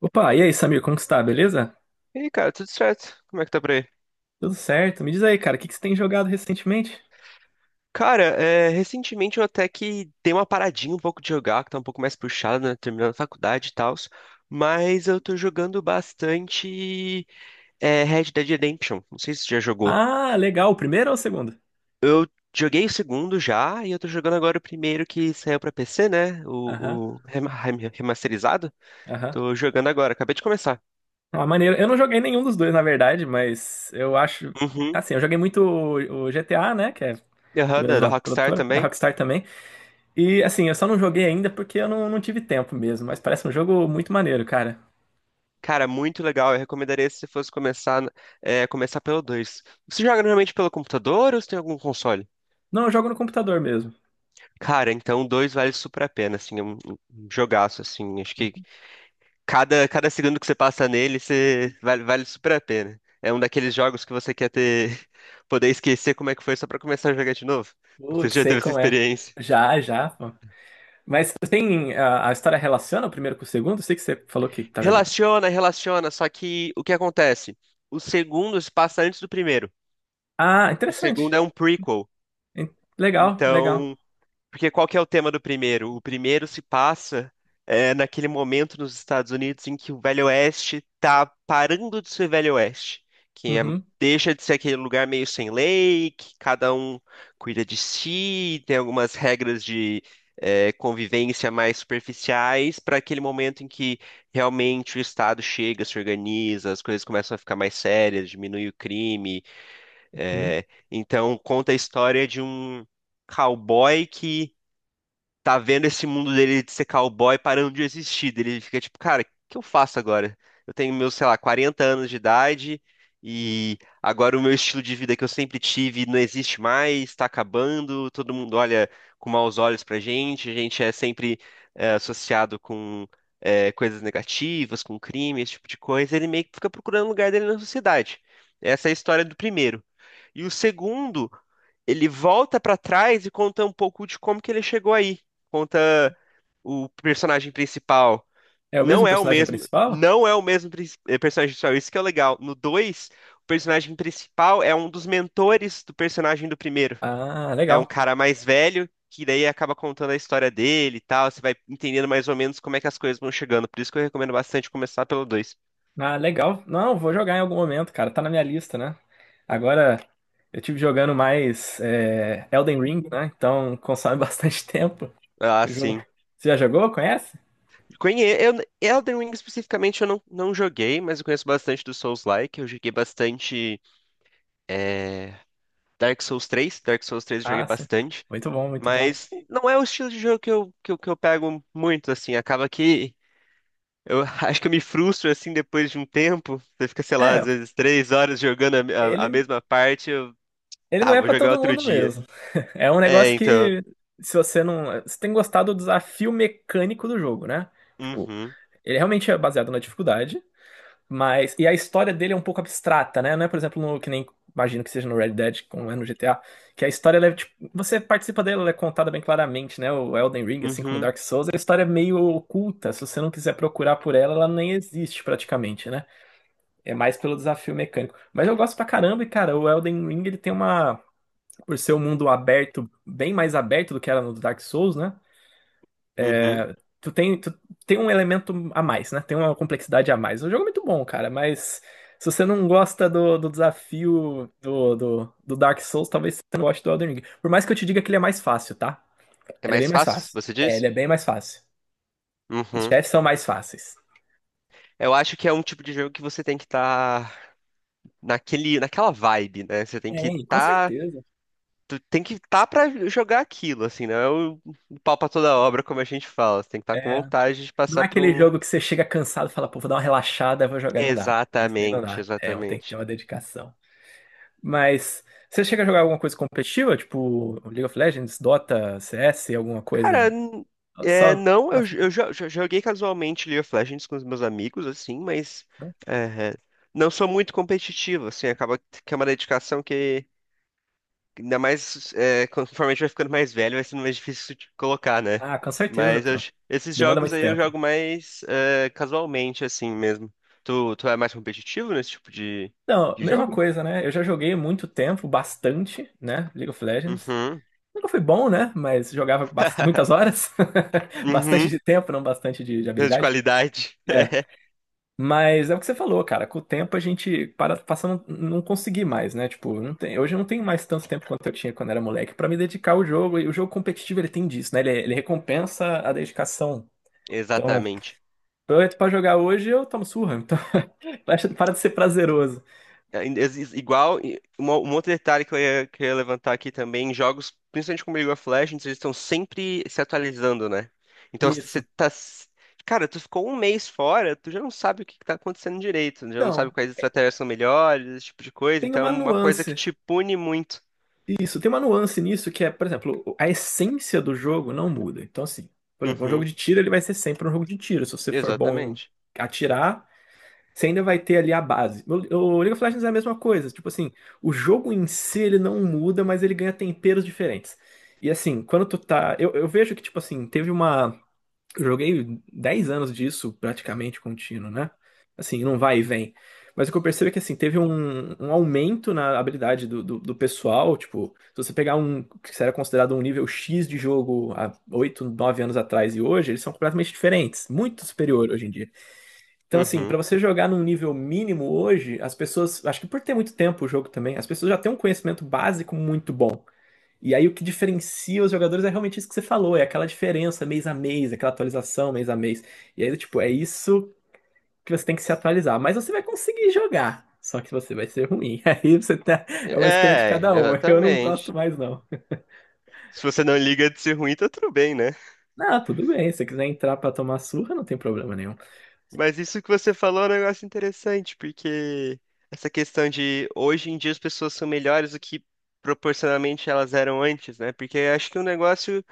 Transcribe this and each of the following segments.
Opa, e aí, Samir, como que está? Beleza? E aí, cara, tudo certo? Como é que tá por aí? Tudo certo? Me diz aí, cara, o que que você tem jogado recentemente? Cara, recentemente eu até que dei uma paradinha um pouco de jogar, que tá um pouco mais puxado, né? Terminando a faculdade e tal. Mas eu tô jogando bastante Red Dead Redemption. Não sei se você já jogou. Ah, legal. O primeiro ou o segundo? Joguei o segundo já, e eu tô jogando agora o primeiro que saiu pra PC, né? Aham, O remasterizado. aham. Tô jogando agora, acabei de começar. Ah, maneiro. Eu não joguei nenhum dos dois, na verdade, mas eu acho. Uhum. Assim, eu joguei muito o GTA, né? Que é da Aham, da mesma Rockstar produtora, da também. Rockstar também. E, assim, eu só não joguei ainda porque eu não tive tempo mesmo, mas parece um jogo muito maneiro, cara. Cara, muito legal. Eu recomendaria se você fosse começar, começar pelo 2. Você joga normalmente pelo computador ou você tem algum console? Não, eu jogo no computador mesmo. Cara, então o 2 vale super a pena, assim, é um um jogaço, assim. Acho que cada segundo que você passa nele, você vale super a pena. É um daqueles jogos que você quer ter, poder esquecer como é que foi só pra começar a jogar de novo. Você Putz, já sei teve essa como é. experiência? Já, já, pô. Mas tem. A história relaciona o primeiro com o segundo? Eu sei que você falou que tá jogando. Relaciona, relaciona, só que o que acontece? O segundo se passa antes do primeiro. Ah, O interessante. segundo é um prequel. En- Legal, legal. Então, porque qual que é o tema do primeiro? O primeiro se passa naquele momento nos Estados Unidos em que o Velho Oeste tá parando de ser Velho Oeste, que é- Uhum, deixa de ser aquele lugar meio sem lei, que cada um cuida de si, tem algumas regras de convivência mais superficiais, para aquele momento em que realmente o Estado chega, se organiza, as coisas começam a ficar mais sérias, diminui o crime. uhum. É então conta a história de um cowboy que tá vendo esse mundo dele de ser cowboy parando de existir. Daí ele fica tipo, cara, o que eu faço agora? Eu tenho meus, sei lá, 40 anos de idade e agora o meu estilo de vida que eu sempre tive não existe mais, tá acabando, todo mundo olha com maus olhos pra gente, a gente é sempre associado com coisas negativas, com crime, esse tipo de coisa. Ele meio que fica procurando o lugar dele na sociedade. Essa é a história do primeiro. E o segundo ele volta pra trás e conta um pouco de como que ele chegou aí. Conta o personagem principal. É o Não mesmo é o personagem mesmo, principal? Personagem principal, isso que é o legal. No 2, o personagem principal é um dos mentores do personagem do primeiro. Ah, É um legal. cara mais velho, que daí acaba contando a história dele e tal. Você vai entendendo mais ou menos como é que as coisas vão chegando. Por isso que eu recomendo bastante começar pelo dois. Ah, legal. Não, vou jogar em algum momento, cara. Tá na minha lista, né? Agora eu tive jogando mais Elden Ring, né? Então consome bastante tempo. Ah, O jogo. sim. Você já jogou? Conhece? Conhe... Eu... Elden Ring especificamente eu não, não joguei, mas eu conheço bastante do Souls-like. Eu joguei bastante É, Dark Souls 3, Dark Souls 3 eu joguei Ah, sim. bastante, Muito bom, muito bom. mas não é o estilo de jogo que eu, que eu pego muito, assim, acaba que eu acho que eu me frustro, assim, depois de um tempo, você fica, sei lá, às É, vezes três horas jogando a ele. mesma parte, Ele não tá, é vou pra jogar todo outro mundo dia. mesmo. É um É, negócio então, que, se você não. Você tem gostado do desafio mecânico do jogo, né? Tipo, uhum, ele realmente é baseado na dificuldade, mas. E a história dele é um pouco abstrata, né? Não é, por exemplo, no, que nem. Imagino que seja no Red Dead, como é no GTA, que a história, ela é, tipo, você participa dela, ela é contada bem claramente, né? O Elden Ring, assim como uhum, Dark Souls, a história é meio oculta. Se você não quiser procurar por ela, ela nem existe praticamente, né? É mais pelo desafio mecânico. Mas eu gosto pra caramba e, cara, o Elden Ring, ele tem uma por ser um mundo aberto, bem mais aberto do que era no Dark Souls, né? uhum. Tu tem um elemento a mais, né? Tem uma complexidade a mais. O jogo é muito bom, cara, mas se você não gosta do desafio do Dark Souls, talvez você não goste do Elden Ring. Por mais que eu te diga que ele é mais fácil, tá? É Ele é bem mais mais fácil, fácil. você É, ele diz? é bem mais fácil. Os Uhum. chefes são mais fáceis. Eu acho que é um tipo de jogo que você tem que estar naquela vibe, né? Você tem que Tem, com estar certeza. tu tem que estar pra jogar aquilo, assim, não é o pau pra toda obra, como a gente fala. Você tem que estar com É, vontade de não passar é pra aquele um. jogo que você chega cansado e fala, pô, vou dar uma relaxada, vou jogar, não dá. Esse daí não Exatamente, dá. É, tem que ter exatamente. uma dedicação. Mas você chega a jogar alguma coisa competitiva? Tipo League of Legends, Dota, CS, alguma Cara, coisa? Só não, eu, mais j- tranquilo. eu jo- jo- joguei casualmente League of Legends com os meus amigos, assim, mas é, não sou muito competitivo, assim, acaba que é uma dedicação que ainda mais, conforme a gente vai ficando mais velho, vai sendo mais difícil de colocar, né? Ah, com certeza, Mas eu- pô. esses Demanda jogos muito aí eu tempo. jogo mais casualmente, assim mesmo. Tu é mais competitivo nesse tipo de. Não, De mesma jogo? coisa, né? Eu já joguei muito tempo, bastante, né? League of Legends. Uhum. Nunca fui bom, né? Mas jogava muitas horas. Bastante Uhum. de tempo, não bastante de De habilidade. qualidade. É. Mas é o que você falou, cara. Com o tempo a gente para, passa a não conseguir mais, né? Tipo, não tem, hoje eu não tenho mais tanto tempo quanto eu tinha quando era moleque pra me dedicar ao jogo. E o jogo competitivo ele tem disso, né? Ele recompensa a dedicação. Então, Exatamente. eu entro pra jogar hoje eu tomo surra. Então, para de ser prazeroso. Igual, um outro detalhe que eu ia levantar aqui também, em jogos, principalmente como League of Legends, eles estão sempre se atualizando, né? Então, se você Isso. tá... s- cara, tu ficou um mês fora, tu já não sabe o que que tá acontecendo direito, já não sabe Então, quais estratégias são melhores, esse tipo de coisa, tem então é uma uma coisa que nuance. te pune muito. Isso, tem uma nuance nisso que é, por exemplo, a essência do jogo não muda. Então, assim, por exemplo, um jogo Uhum, de tiro ele vai ser sempre um jogo de tiro. Se você for bom em exatamente. atirar Você ainda vai ter ali a base. O League of Legends é a mesma coisa. Tipo assim, o jogo em si ele não muda, mas ele ganha temperos diferentes. E assim, quando tu tá. Eu vejo que, tipo assim, teve uma. Eu joguei 10 anos disso praticamente contínuo, né? Assim, não vai e vem. Mas o que eu percebo é que, assim, teve um, um aumento na habilidade do pessoal. Tipo, se você pegar um que era considerado um nível X de jogo há 8, 9 anos atrás e hoje, eles são completamente diferentes. Muito superior hoje em dia. Então, assim, pra Uhum. você jogar num nível mínimo hoje, as pessoas, acho que por ter muito tempo o jogo também, as pessoas já têm um conhecimento básico muito bom. E aí o que diferencia os jogadores é realmente isso que você falou, é aquela diferença mês a mês, aquela atualização mês a mês. E aí, tipo, é isso que você tem que se atualizar. Mas você vai conseguir jogar, só que você vai ser ruim. Aí você tá, é uma escolha de cada É, um. Eu não gosto exatamente. mais, não. Se você não liga de ser ruim, tá tudo bem, né? Não, tudo bem, se você quiser entrar pra tomar surra, não tem problema nenhum. Mas isso que você falou é um negócio interessante, porque essa questão de hoje em dia as pessoas são melhores do que proporcionalmente elas eram antes, né? Porque eu acho que o negócio,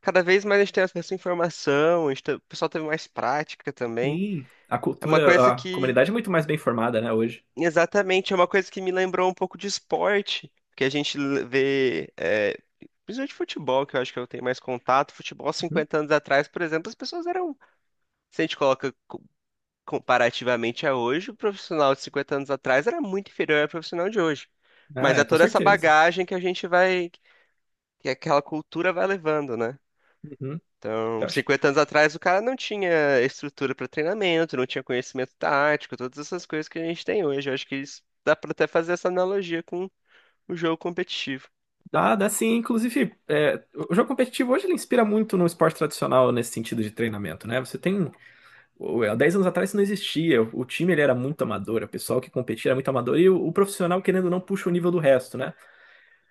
cada vez mais a gente tem acesso à informação, o pessoal teve mais prática também. Sim, a É uma cultura, coisa a que, comunidade é muito mais bem formada, né, hoje. exatamente, é uma coisa que me lembrou um pouco de esporte, que vê, principalmente futebol, que eu acho que eu tenho mais contato. Futebol, 50 anos atrás, por exemplo, as pessoas eram. Se a gente coloca. Comparativamente a hoje, o profissional de 50 anos atrás era muito inferior ao profissional de hoje. Ah, Mas é é, com toda essa certeza. bagagem que a gente vai, que aquela cultura vai levando, né? Uhum. Eu Então, acho que 50 anos atrás, o cara não tinha estrutura para treinamento, não tinha conhecimento tático, todas essas coisas que a gente tem hoje. Eu acho que isso dá para até fazer essa analogia com o jogo competitivo. dá, dá sim. Inclusive, o jogo competitivo hoje ele inspira muito no esporte tradicional nesse sentido de treinamento, né? Você tem. Há 10 anos atrás isso não existia. O time ele era muito amador, o pessoal que competia era muito amador, e o profissional, querendo ou não, puxa o nível do resto, né?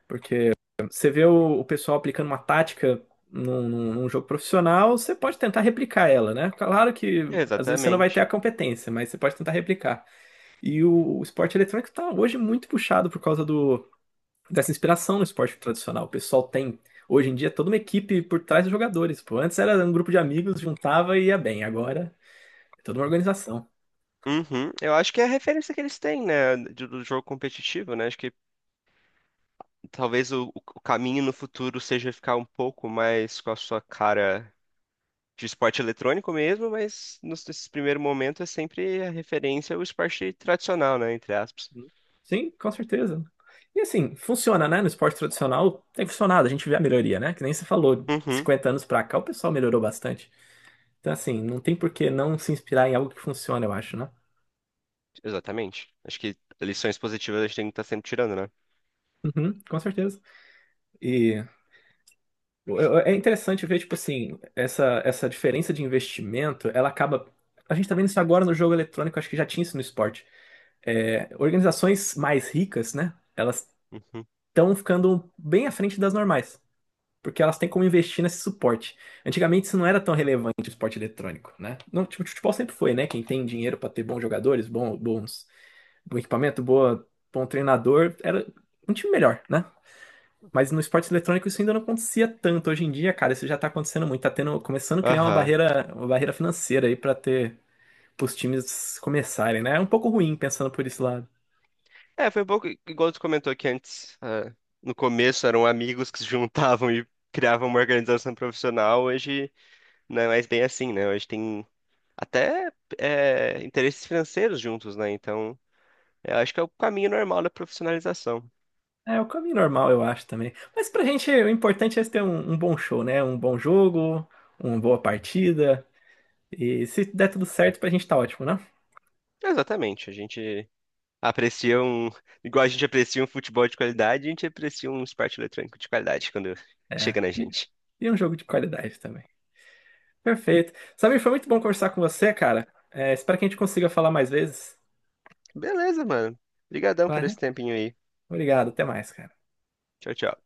Porque você vê o pessoal aplicando uma tática num jogo profissional, você pode tentar replicar ela, né? Claro que às vezes você não vai ter Exatamente. a competência, mas você pode tentar replicar. E o esporte eletrônico tá hoje muito puxado por causa do. Dessa inspiração no esporte tradicional. O pessoal tem, hoje em dia, toda uma equipe por trás dos jogadores. Pô, antes era um grupo de amigos, juntava e ia bem. Agora é toda uma organização. Uhum. Eu acho que é a referência que eles têm, né, de- do jogo competitivo, né? Acho que talvez o caminho no futuro seja ficar um pouco mais com a sua cara de esporte eletrônico mesmo, mas nesse primeiro momento é sempre a referência ao esporte tradicional, né? Entre aspas. Sim, com certeza. E assim, funciona, né? No esporte tradicional tem funcionado, a gente vê a melhoria, né? Que nem você falou, de Uhum, 50 anos pra cá o pessoal melhorou bastante. Então, assim, não tem por que não se inspirar em algo que funciona, eu acho, né? exatamente. Acho que lições positivas a gente tem que estar sempre tirando, né? Uhum, com certeza. E Eu- É interessante ver, tipo assim, essa diferença de investimento, ela acaba. A gente tá vendo isso agora no jogo eletrônico, acho que já tinha isso no esporte. É, organizações mais ricas, né? Elas Uhum. estão ficando bem à frente das normais, porque elas têm como investir nesse suporte. Antigamente isso não era tão relevante, o esporte eletrônico, né? Não, tipo, o futebol sempre foi, né? Quem tem dinheiro para ter bons jogadores, bom, bons, bom equipamento, boa, bom treinador, era um time melhor, né? Mas no esporte eletrônico isso ainda não acontecia tanto. Hoje em dia, cara, isso já tá acontecendo muito. Tá tendo, começando a criar Aham. Uma barreira financeira aí pra ter, pros times começarem, né? É um pouco ruim pensando por esse lado. É, foi um pouco igual tu comentou aqui antes. No começo eram amigos que se juntavam e criavam uma organização profissional. Hoje não é mais bem assim, né? Hoje tem até interesses financeiros juntos, né? Então. É, eu acho que é o caminho normal da profissionalização. É o caminho normal, eu acho também. Mas pra gente, o importante é ter um bom show, né? Um bom jogo, uma boa partida. E se der tudo certo, pra gente tá ótimo, né? Exatamente. A gente aprecia um. Igual a gente aprecia um futebol de qualidade, a gente aprecia um esporte eletrônico de qualidade quando É. chega na E, gente. e um jogo de qualidade também. Perfeito. Samir, foi muito bom conversar com você, cara. É, espero que a gente consiga falar mais vezes. Beleza, mano. Obrigadão Vai, por né? esse tempinho aí. Obrigado, até mais, cara. Tchau, tchau.